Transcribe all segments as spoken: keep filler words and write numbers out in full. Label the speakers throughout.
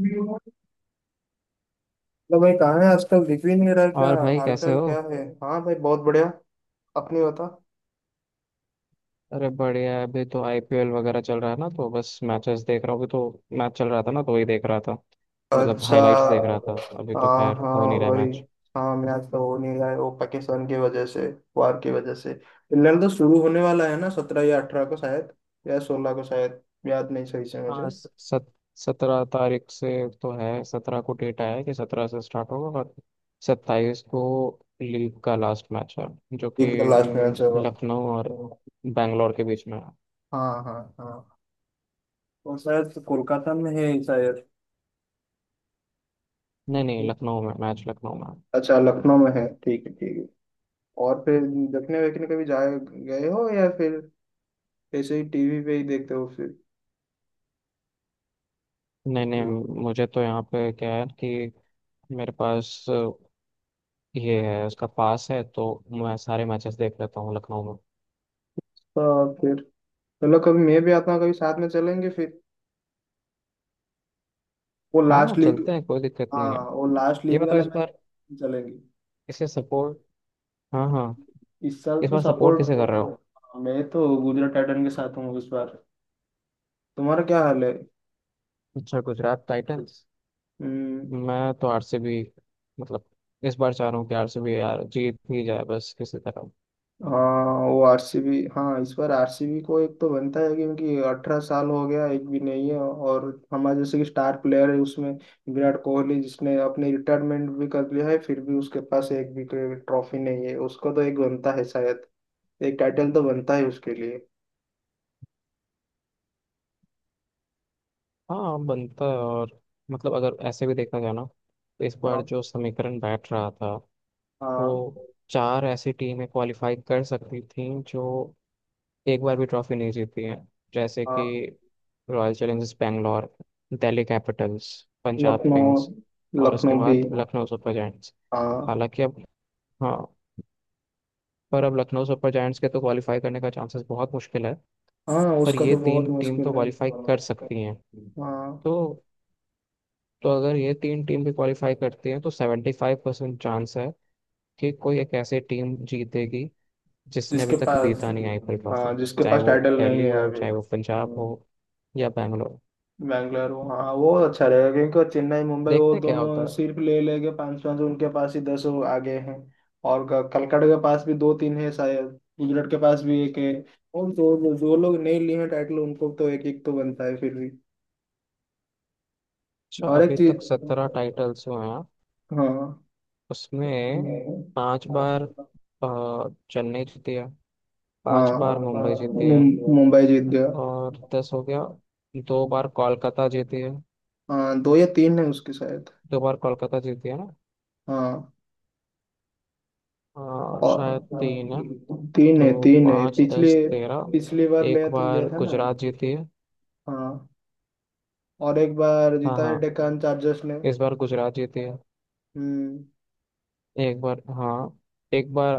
Speaker 1: मतलब, भाई कहाँ है आजकल? दिख भी नहीं रहा है, क्या?
Speaker 2: और भाई
Speaker 1: हाल
Speaker 2: कैसे
Speaker 1: चाल
Speaker 2: हो?
Speaker 1: क्या है? हाँ भाई, बहुत बढ़िया। अपनी बता।
Speaker 2: अरे बढ़िया है, अभी तो आईपीएल वगैरह चल रहा है ना, तो बस मैचेस देख रहा हूँ। अभी तो मैच चल रहा था ना, तो वही देख रहा था। मतलब
Speaker 1: अच्छा।
Speaker 2: हाइलाइट्स देख रहा था, अभी तो
Speaker 1: हाँ
Speaker 2: खैर
Speaker 1: हाँ,
Speaker 2: हो नहीं रहा
Speaker 1: वही।
Speaker 2: मैच।
Speaker 1: हाँ, मैं आज तो हो नहीं रहा है वो पाकिस्तान की वजह से, वार की वजह से। लड़ तो शुरू होने वाला है ना? सत्रह या अठारह को शायद, या सोलह को शायद। याद नहीं सही से मुझे।
Speaker 2: हाँ, स- सत सत्रह तारीख से। तो है, सत्रह को डेट आया है कि सत्रह से स्टार्ट होगा, और सत्ताईस को लीग का लास्ट मैच है, जो कि
Speaker 1: एक का लास्ट मैच होगा।
Speaker 2: लखनऊ और बैंगलोर के बीच में है।
Speaker 1: हाँ हाँ हाँ, वो शायद तो कोलकाता में है शायद।
Speaker 2: नहीं नहीं, लखनऊ में मैच, लखनऊ में है।
Speaker 1: अच्छा, लखनऊ में है। ठीक है ठीक है। और फिर देखने वेखने कभी जाए गए हो, या फिर ऐसे ही टीवी पे ही देखते हो फिर?
Speaker 2: नहीं नहीं, मुझे तो यहाँ पे क्या है कि मेरे पास ये है, उसका पास है, तो मैं सारे मैचेस देख लेता हूँ लखनऊ में।
Speaker 1: तो फिर चलो, कभी मैं भी आता हूँ, कभी साथ में चलेंगे फिर। वो
Speaker 2: हाँ,
Speaker 1: लास्ट लीग।
Speaker 2: चलते हैं, कोई दिक्कत नहीं है।
Speaker 1: हाँ, वो लास्ट
Speaker 2: ये
Speaker 1: लीग
Speaker 2: बताओ,
Speaker 1: वाला
Speaker 2: इस बार
Speaker 1: मैच चलेंगे।
Speaker 2: इसे सपोर्ट। हाँ हाँ,
Speaker 1: इस साल
Speaker 2: इस
Speaker 1: तो
Speaker 2: बार सपोर्ट किसे कर रहे हो?
Speaker 1: सपोर्ट। मैं तो गुजरात टाइटन के साथ हूँ इस बार। तुम्हारा क्या हाल है?
Speaker 2: अच्छा, गुजरात टाइटंस।
Speaker 1: हम्म।
Speaker 2: मैं तो आरसीबी, मतलब इस बार चाह रहा हूँ कि आरसीबी यार जीत ही जाए बस किसी तरह।
Speaker 1: हाँ, वो आरसीबी। हाँ, इस बार आरसीबी को एक तो बनता है क्योंकि अठारह साल हो गया, एक भी नहीं है। और हमारे जैसे कि स्टार प्लेयर है उसमें, विराट कोहली, जिसने अपने रिटायरमेंट भी कर लिया है, फिर भी उसके पास एक भी ट्रॉफी नहीं है। उसको तो एक बनता है शायद। एक टाइटल तो बनता है उसके लिए।
Speaker 2: हाँ, बनता है। और मतलब अगर ऐसे भी देखा जाए ना, तो इस बार जो
Speaker 1: हाँ
Speaker 2: समीकरण बैठ रहा था,
Speaker 1: हाँ
Speaker 2: तो चार ऐसी टीमें क्वालिफाई कर सकती थी जो एक बार भी ट्रॉफी नहीं जीती हैं, जैसे कि
Speaker 1: हाँ।
Speaker 2: Royal Challengers Bangalore, Delhi Capitals, Punjab
Speaker 1: Lucknow.
Speaker 2: Kings, और उसके
Speaker 1: लखनऊ भी।
Speaker 2: बाद लखनऊ सुपर जायंट्स।
Speaker 1: हाँ।
Speaker 2: हालांकि अब, हाँ, पर अब लखनऊ सुपर जायंट्स के तो क्वालिफाई करने का चांसेस बहुत मुश्किल है।
Speaker 1: हाँ,
Speaker 2: पर
Speaker 1: उसका
Speaker 2: ये
Speaker 1: तो बहुत
Speaker 2: तीन टीम तो
Speaker 1: मुश्किल है।
Speaker 2: क्वालिफाई कर सकती हैं।
Speaker 1: हाँ,
Speaker 2: तो तो अगर ये तीन टीम भी क्वालिफाई करती हैं तो सेवेंटी फाइव परसेंट चांस है कि कोई एक ऐसी टीम जीतेगी जिसने अभी
Speaker 1: जिसके
Speaker 2: तक
Speaker 1: पास।
Speaker 2: जीता नहीं आईपीएल ट्रॉफी।
Speaker 1: हाँ, जिसके
Speaker 2: चाहे
Speaker 1: पास
Speaker 2: वो
Speaker 1: टाइटल नहीं
Speaker 2: दिल्ली
Speaker 1: है
Speaker 2: हो,
Speaker 1: अभी।
Speaker 2: चाहे वो पंजाब हो, या बैंगलोर।
Speaker 1: बैंगलोर, हाँ वो अच्छा रहेगा क्योंकि वो चेन्नई, मुंबई, वो
Speaker 2: देखते हैं क्या होता
Speaker 1: दोनों
Speaker 2: है।
Speaker 1: सिर्फ ले लेके पाँच पाँच, उनके पास ही दस, वो आगे हैं। और क- कलकत्ता के पास भी दो तीन है शायद। गुजरात के पास भी एक है। और जो जो जो लोग नहीं लिए हैं टाइटल उनको तो एक एक तो बनता है फिर भी।
Speaker 2: अच्छा,
Speaker 1: और एक
Speaker 2: अभी तक सत्रह
Speaker 1: चीज।
Speaker 2: टाइटल्स हुए हैं।
Speaker 1: हाँ।
Speaker 2: उसमें पांच बार अ, चेन्नई जीती है,
Speaker 1: हाँ,
Speaker 2: पांच बार मुंबई जीती है,
Speaker 1: मुं- मुंबई जीत गया।
Speaker 2: और दस हो गया। दो बार कोलकाता जीती है।
Speaker 1: हाँ, दो या तीन है उसके शायद।
Speaker 2: दो बार कोलकाता जीती है ना?
Speaker 1: हाँ,
Speaker 2: अ, शायद
Speaker 1: और
Speaker 2: तीन है।
Speaker 1: तीन
Speaker 2: तो
Speaker 1: है तीन है
Speaker 2: पाँच,
Speaker 1: पिछली
Speaker 2: दस, तेरह।
Speaker 1: पिछली बार
Speaker 2: एक
Speaker 1: लिया था लिया
Speaker 2: बार
Speaker 1: था ना।
Speaker 2: गुजरात जीती है।
Speaker 1: हाँ, और एक बार
Speaker 2: हाँ
Speaker 1: जीता है
Speaker 2: हाँ,
Speaker 1: डेक्कन चार्जर्स ने।
Speaker 2: इस बार गुजरात जीती है।
Speaker 1: हम्म।
Speaker 2: एक बार, हाँ, एक बार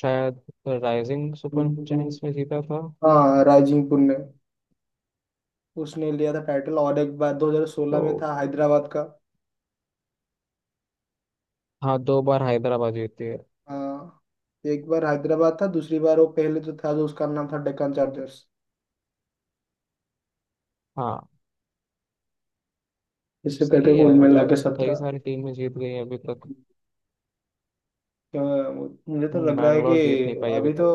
Speaker 2: शायद राइजिंग सुपर जायंट्स में जीता था।
Speaker 1: हाँ, राइजिंग पुन ने उसने लिया था टाइटल। और एक बार दो हज़ार सोलह में
Speaker 2: तो
Speaker 1: था हैदराबाद का।
Speaker 2: हाँ, दो बार हैदराबाद जीती है।
Speaker 1: हाँ, एक बार हैदराबाद था, दूसरी बार वो पहले जो था, जो उसका नाम था, डेक्कन चार्जर्स।
Speaker 2: हाँ,
Speaker 1: इससे
Speaker 2: सही
Speaker 1: पहले
Speaker 2: है,
Speaker 1: कुल मिला
Speaker 2: मतलब
Speaker 1: के
Speaker 2: कई
Speaker 1: सत्रह।
Speaker 2: सारी टीमें जीत गई हैं अभी तक।
Speaker 1: तो मुझे तो
Speaker 2: हम्म,
Speaker 1: लग रहा है कि।
Speaker 2: बैंगलोर जीत नहीं पाई अभी
Speaker 1: अभी तो
Speaker 2: तक।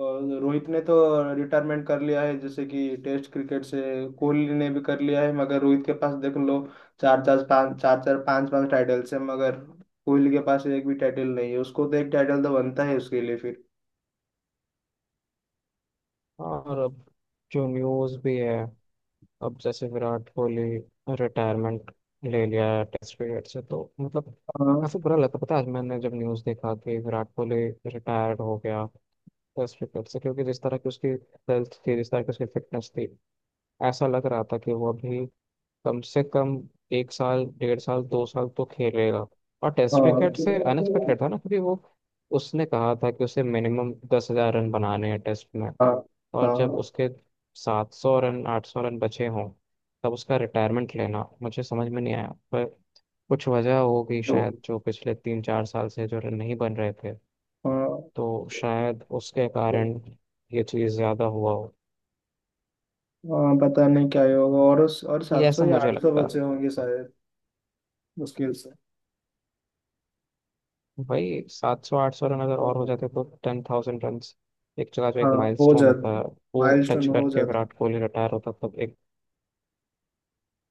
Speaker 1: अ, रोहित ने तो रिटायरमेंट कर लिया है जैसे कि टेस्ट क्रिकेट से। कोहली ने भी कर लिया है, मगर रोहित के पास देख लो, चार चार पाँच, चार चार पाँच पाँच टाइटल्स है। मगर कोहली के पास एक भी टाइटल नहीं है। उसको तो एक टाइटल तो बनता है उसके लिए फिर।
Speaker 2: और अब जो न्यूज़ भी है, अब जैसे विराट कोहली रिटायरमेंट ले लिया है टेस्ट क्रिकेट से, तो मतलब
Speaker 1: हाँ
Speaker 2: काफी बुरा लगता, पता है, आज मैंने जब न्यूज़ देखा कि विराट कोहली रिटायर्ड हो गया टेस्ट क्रिकेट से, क्योंकि जिस तरह की उसकी हेल्थ थी, जिस तरह की उसकी फिटनेस थी, ऐसा लग रहा था कि वो अभी कम से कम एक साल, डेढ़ साल, दो साल तो खेलेगा। और टेस्ट क्रिकेट से
Speaker 1: हाँ
Speaker 2: अनएक्सपेक्टेड था ना, क्योंकि वो उसने कहा था कि उसे मिनिमम दस हजार रन बनाने हैं टेस्ट में।
Speaker 1: हाँ
Speaker 2: और जब
Speaker 1: हाँ,
Speaker 2: उसके सात सौ रन, आठ सौ रन बचे हों, तब उसका रिटायरमेंट लेना मुझे समझ में नहीं आया, पर कुछ वजह होगी
Speaker 1: तो
Speaker 2: शायद, जो पिछले तीन चार साल से जो रन नहीं बन रहे थे,
Speaker 1: हाँ।
Speaker 2: तो शायद उसके कारण ये चीज़ ज़्यादा हुआ हो,
Speaker 1: हाँ, पता नहीं क्या ही होगा। और उस और
Speaker 2: ये
Speaker 1: सात सौ
Speaker 2: ऐसा
Speaker 1: या
Speaker 2: मुझे
Speaker 1: आठ सौ
Speaker 2: लगता है।
Speaker 1: बचे होंगे शायद। मुश्किल
Speaker 2: भाई, सात सौ आठ सौ रन अगर और हो
Speaker 1: से।
Speaker 2: जाते तो टेन थाउजेंड रन, एक जगह जो
Speaker 1: हाँ,
Speaker 2: एक
Speaker 1: हो
Speaker 2: माइलस्टोन होता
Speaker 1: जाता।
Speaker 2: है, वो टच
Speaker 1: माइलस्टोन हो
Speaker 2: करके
Speaker 1: जाता।
Speaker 2: विराट कोहली रिटायर होता, तब एक।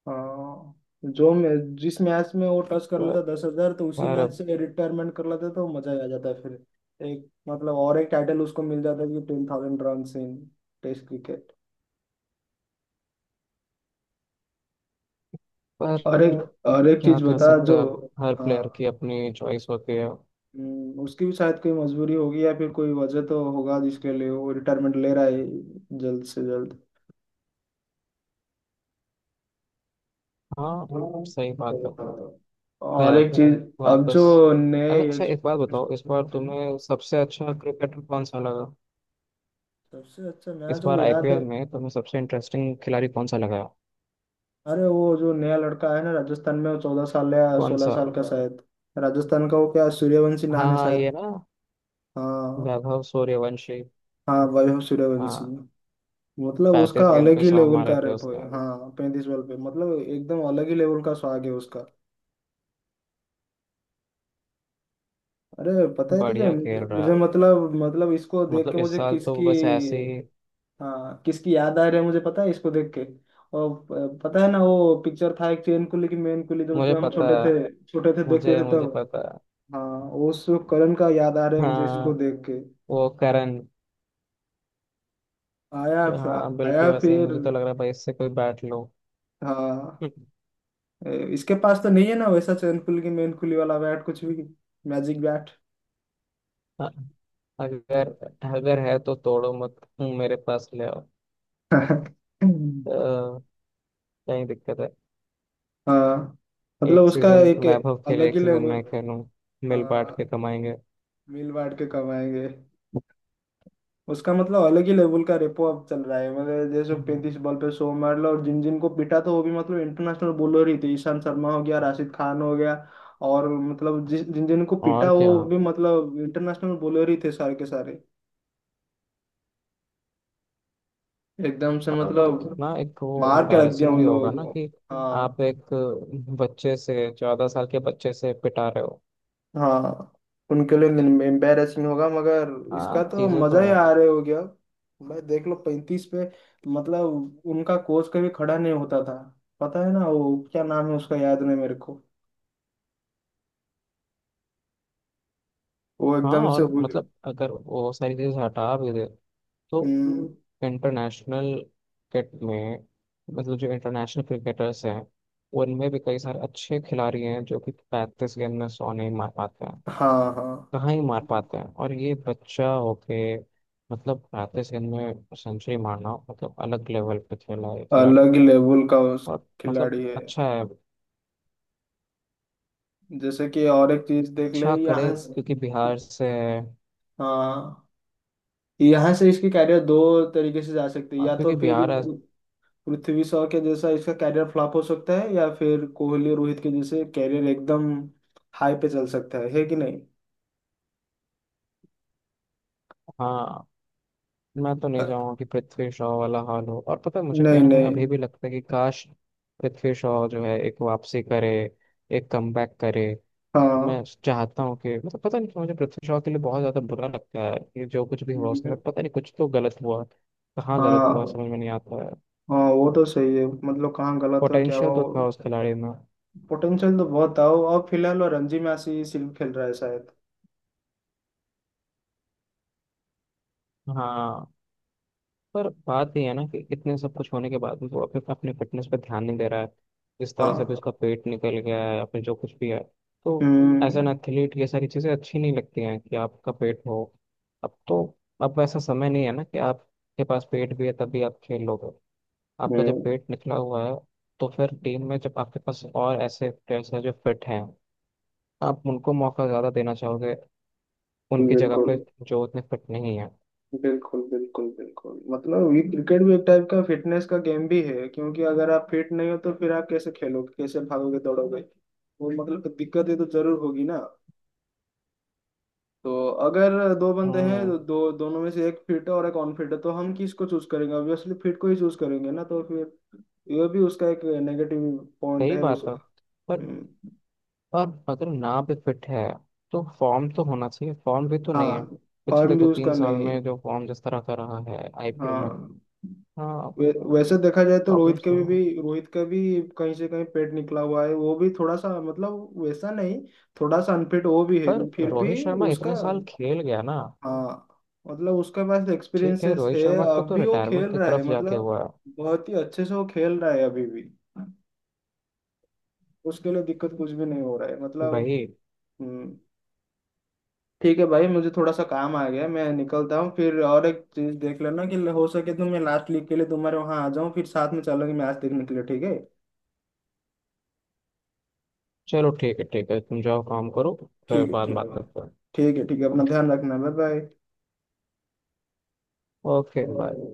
Speaker 1: हाँ, जो मैं, जिस मैच में वो टच कर लेता दस हजार तो उसी
Speaker 2: पर
Speaker 1: मैच से रिटायरमेंट कर लेता तो मजा ही आ जाता फिर। एक मतलब और एक टाइटल उसको मिल जाता कि ten thousand run in test cricket.
Speaker 2: पर
Speaker 1: और एक और एक
Speaker 2: क्या
Speaker 1: चीज
Speaker 2: कर
Speaker 1: बता
Speaker 2: सकते
Speaker 1: जो।
Speaker 2: हैं अब, हर
Speaker 1: हाँ।
Speaker 2: प्लेयर की अपनी चॉइस होती है।
Speaker 1: हम्म, उसकी भी शायद कोई मजबूरी होगी या फिर कोई वजह तो होगा जिसके लिए वो रिटायरमेंट ले रहा है जल्द से जल्द।
Speaker 2: हाँ, सही बात है।
Speaker 1: और
Speaker 2: खैर,
Speaker 1: एक चीज। अब जो
Speaker 2: वापस।
Speaker 1: नए।
Speaker 2: अरे, अच्छा, एक बात बताओ, इस बार तुम्हें सबसे अच्छा क्रिकेटर कौन सा लगा?
Speaker 1: सबसे अच्छा
Speaker 2: इस
Speaker 1: मैच तो वो
Speaker 2: बार
Speaker 1: याद
Speaker 2: आईपीएल
Speaker 1: है।
Speaker 2: में तुम्हें सबसे इंटरेस्टिंग खिलाड़ी कौन सा लगा?
Speaker 1: अरे, वो जो नया लड़का है ना राजस्थान में, वो चौदह साल या
Speaker 2: कौन
Speaker 1: सोलह
Speaker 2: सा?
Speaker 1: साल का शायद। राजस्थान का वो क्या सूर्यवंशी
Speaker 2: हाँ
Speaker 1: नाम है
Speaker 2: हाँ,
Speaker 1: शायद।
Speaker 2: ये ना,
Speaker 1: हाँ।
Speaker 2: वैभव सूर्यवंशी।
Speaker 1: हाँ, वैभव सूर्यवंशी।
Speaker 2: हाँ,
Speaker 1: मतलब उसका
Speaker 2: पैंतीस गेंद
Speaker 1: अलग
Speaker 2: पे
Speaker 1: ही
Speaker 2: सौ
Speaker 1: लेवल
Speaker 2: मारे
Speaker 1: का
Speaker 2: थे
Speaker 1: रैप
Speaker 2: उसने।
Speaker 1: है। हाँ पैंतीस बॉल पे, मतलब एकदम अलग ही लेवल का स्वाग है उसका। अरे। पता है तुझे,
Speaker 2: बढ़िया खेल
Speaker 1: मुझे
Speaker 2: रहा है।
Speaker 1: मुझे मतलब मतलब इसको देख के
Speaker 2: मतलब इस
Speaker 1: मुझे
Speaker 2: साल तो वो
Speaker 1: किसकी।
Speaker 2: बस ऐसे ही।
Speaker 1: हाँ, किसकी याद आ रही है मुझे पता है इसको देख के। और प- पता है ना वो पिक्चर था एक चेन कुली की मेन कुली, जब जब
Speaker 2: मुझे
Speaker 1: हम
Speaker 2: पता
Speaker 1: छोटे
Speaker 2: है,
Speaker 1: थे छोटे थे देखते
Speaker 2: मुझे
Speaker 1: थे
Speaker 2: मुझे
Speaker 1: तब।
Speaker 2: पता है।
Speaker 1: हाँ। उस करण का याद आ रहा है मुझे इसको
Speaker 2: हाँ,
Speaker 1: देख के।
Speaker 2: वो करण।
Speaker 1: आया।
Speaker 2: हाँ, बिल्कुल
Speaker 1: आया
Speaker 2: वैसे ही
Speaker 1: फिर।
Speaker 2: मुझे तो लग रहा है, भाई, इससे कोई बैट लो।
Speaker 1: हाँ। ए, इसके पास तो नहीं है ना वैसा चैनकुल की मेनकुली वाला बैट, कुछ भी मैजिक बैट।
Speaker 2: हाँ, अगर अगर है तो तोड़ो मत, मेरे पास ले आओ। अ, कहीं दिक्कत है।
Speaker 1: हाँ, मतलब
Speaker 2: एक
Speaker 1: उसका
Speaker 2: सीजन
Speaker 1: एक
Speaker 2: वैभव खेले,
Speaker 1: अलग
Speaker 2: एक
Speaker 1: ही
Speaker 2: सीजन
Speaker 1: लेवल।
Speaker 2: मैं खेलूं, मिल बांट
Speaker 1: हाँ,
Speaker 2: के कमाएंगे।
Speaker 1: मिल बांट के कमाएंगे। उसका मतलब अलग ही लेवल का रेपो अब चल रहा है। मतलब जैसे
Speaker 2: हम्म।
Speaker 1: पैंतीस बॉल पे सौ मार लो, और जिन जिन को पिटा तो वो भी मतलब इंटरनेशनल बॉलर ही थे, ईशांत शर्मा हो गया, राशिद खान हो गया। और मतलब जिस जिन जिन को
Speaker 2: और
Speaker 1: पिटा
Speaker 2: क्या?
Speaker 1: वो भी मतलब इंटरनेशनल बॉलर ही थे सारे के सारे, एकदम से
Speaker 2: और मतलब
Speaker 1: मतलब
Speaker 2: कितना एक वो
Speaker 1: मार के रख दिया
Speaker 2: एम्बैरेसिंग भी
Speaker 1: उन लोगों
Speaker 2: होगा ना
Speaker 1: को।
Speaker 2: कि आप
Speaker 1: हाँ।
Speaker 2: एक बच्चे से, चौदह साल के बच्चे से पिटा रहे हो।
Speaker 1: हाँ, उनके लिए एम्बेरसिंग होगा मगर इसका
Speaker 2: हाँ,
Speaker 1: तो
Speaker 2: चीजें तो
Speaker 1: मजा ही
Speaker 2: हैं।
Speaker 1: आ रहे हो गया। भाई देख लो पैंतीस पे, मतलब उनका कोच कभी खड़ा नहीं होता था। पता है ना वो क्या नाम है उसका, याद नहीं मेरे को। वो
Speaker 2: हाँ,
Speaker 1: एकदम से
Speaker 2: और
Speaker 1: हुई।
Speaker 2: मतलब अगर वो सारी चीजें हटा भी दे तो
Speaker 1: हम्म।
Speaker 2: इंटरनेशनल क्रिकेट में, मतलब जो इंटरनेशनल क्रिकेटर्स हैं, उनमें भी कई सारे अच्छे खिलाड़ी हैं जो कि पैंतीस गेंद में सौ नहीं मार पाते हैं,
Speaker 1: हाँ हाँ,
Speaker 2: कहाँ ही मार पाते हैं। और ये बच्चा होके मतलब पैंतीस गेंद में सेंचुरी मारना, मतलब अलग लेवल पे खेला है खिलाड़ी।
Speaker 1: अलग ही लेवल का उस
Speaker 2: और
Speaker 1: खिलाड़ी
Speaker 2: मतलब
Speaker 1: है।
Speaker 2: अच्छा है,
Speaker 1: जैसे कि और एक चीज देख ले
Speaker 2: अच्छा करे
Speaker 1: यहाँ से।
Speaker 2: क्योंकि बिहार से है।
Speaker 1: हाँ, यहाँ से इसकी कैरियर दो तरीके से जा सकती है,
Speaker 2: और
Speaker 1: या तो
Speaker 2: क्योंकि
Speaker 1: फिर
Speaker 2: बिहार ऐस-
Speaker 1: पृथ्वी शॉ के जैसा इसका कैरियर फ्लॉप हो सकता है, या फिर कोहली रोहित के जैसे कैरियर एकदम हाई पे चल सकता है। है कि नहीं?
Speaker 2: हाँ, मैं तो
Speaker 1: अ,
Speaker 2: नहीं चाहूंगा कि पृथ्वी शॉ वाला हाल हो, और पता है, मुझे
Speaker 1: नहीं
Speaker 2: कहीं ना कहीं
Speaker 1: नहीं।
Speaker 2: अभी भी लगता है कि काश पृथ्वी शॉ जो है एक वापसी करे, एक कमबैक करे।
Speaker 1: हाँ।
Speaker 2: मैं चाहता हूँ कि मतलब पता नहीं क्यों मुझे पृथ्वी शॉ के लिए बहुत ज्यादा बुरा लगता है कि जो कुछ भी हुआ उसके
Speaker 1: हम्म।
Speaker 2: साथ, पता नहीं, कुछ तो गलत हुआ, कहाँ गलत हुआ
Speaker 1: हाँ
Speaker 2: समझ में नहीं आता है।
Speaker 1: हाँ, वो तो सही है। मतलब कहाँ गलत हो क्या
Speaker 2: पोटेंशियल तो था
Speaker 1: हो।
Speaker 2: उस खिलाड़ी में।
Speaker 1: पोटेंशियल तो बहुत था वो, और फिलहाल वो रणजी मैच ही सिर्फ खेल रहा है शायद।
Speaker 2: हाँ, पर बात ये है ना कि इतने सब कुछ होने के बाद भी वो अपने अपने फिटनेस पे ध्यान नहीं दे रहा है, जिस तरह से भी
Speaker 1: हाँ।
Speaker 2: उसका पेट निकल गया है, अपने जो कुछ भी है, तो
Speaker 1: हम्म।
Speaker 2: एज एन एथलीट ये सारी चीज़ें अच्छी नहीं लगती हैं कि आपका पेट हो। अब तो अब ऐसा समय नहीं है ना कि आपके पास पेट भी है तभी आप खेल लोगे। आपका जब
Speaker 1: हम्म,
Speaker 2: पेट निकला हुआ है तो फिर टीम में जब आपके पास और ऐसे प्लेयर्स हैं जो फिट हैं, आप उनको मौका ज़्यादा देना चाहोगे, उनकी जगह
Speaker 1: बिल्कुल।
Speaker 2: पे जो उतने फिट नहीं है।
Speaker 1: बिल्कुल बिल्कुल बिल्कुल, मतलब ये क्रिकेट भी एक टाइप का फिटनेस का गेम भी है, क्योंकि अगर आप फिट नहीं हो तो फिर आप कैसे खेलोगे, कैसे भागोगे दौड़ोगे। वो मतलब दिक्कत है तो जरूर होगी ना। तो अगर दो बंदे हैं
Speaker 2: हम्म,
Speaker 1: तो दो दोनों में से एक फिट है और एक अनफिट है, तो हम किसको चूज करेंगे? ऑब्वियसली फिट को ही चूज करेंगे ना। तो फिर ये भी उसका एक नेगेटिव पॉइंट
Speaker 2: सही
Speaker 1: है
Speaker 2: बात है।
Speaker 1: उसका।
Speaker 2: पर
Speaker 1: हम्म।
Speaker 2: और अगर ना भी फिट है, तो फॉर्म तो होना चाहिए, फॉर्म भी तो नहीं
Speaker 1: हाँ।
Speaker 2: है। पिछले
Speaker 1: फॉर्म भी
Speaker 2: दो तीन
Speaker 1: उसका
Speaker 2: साल
Speaker 1: नहीं है।
Speaker 2: में जो फॉर्म जिस तरह का रहा है आईपीएल में,
Speaker 1: हाँ।
Speaker 2: हाँ,
Speaker 1: वे- वैसे देखा जाए तो रोहित
Speaker 2: प्रॉब्लम्स
Speaker 1: के
Speaker 2: तो
Speaker 1: भी,
Speaker 2: है।
Speaker 1: भी रोहित का भी कहीं से कहीं पेट निकला हुआ है, वो भी थोड़ा सा मतलब वैसा नहीं, थोड़ा सा अनफिट वो भी
Speaker 2: पर
Speaker 1: है फिर
Speaker 2: रोहित
Speaker 1: भी
Speaker 2: शर्मा
Speaker 1: उसका।
Speaker 2: इतने साल खेल गया ना,
Speaker 1: हाँ, मतलब उसके पास
Speaker 2: ठीक है,
Speaker 1: एक्सपीरियंसेस
Speaker 2: रोहित
Speaker 1: है।
Speaker 2: शर्मा को
Speaker 1: अब
Speaker 2: तो
Speaker 1: भी वो खेल
Speaker 2: रिटायरमेंट की
Speaker 1: रहा है,
Speaker 2: तरफ जाके
Speaker 1: मतलब
Speaker 2: हुआ है।
Speaker 1: बहुत ही अच्छे से वो खेल रहा है अभी भी। उसके लिए दिक्कत कुछ भी नहीं हो रहा है मतलब।
Speaker 2: भाई,
Speaker 1: हम्म। ठीक है भाई, मुझे थोड़ा सा काम आ गया, मैं निकलता हूँ फिर। और एक चीज देख लेना कि हो सके तो मैं लास्ट लीग के लिए तुम्हारे वहाँ आ जाऊँ, फिर साथ में चलेंगे मैच देखने के लिए। ठीक है?
Speaker 2: चलो, ठीक है ठीक है, तुम जाओ काम करो, फिर
Speaker 1: ठीक है
Speaker 2: बाद में
Speaker 1: ठीक
Speaker 2: बात
Speaker 1: है।
Speaker 2: करते हैं।
Speaker 1: ठीक है ठीक है, अपना ध्यान रखना। Bye bye.
Speaker 2: Okay, bye.
Speaker 1: Okay.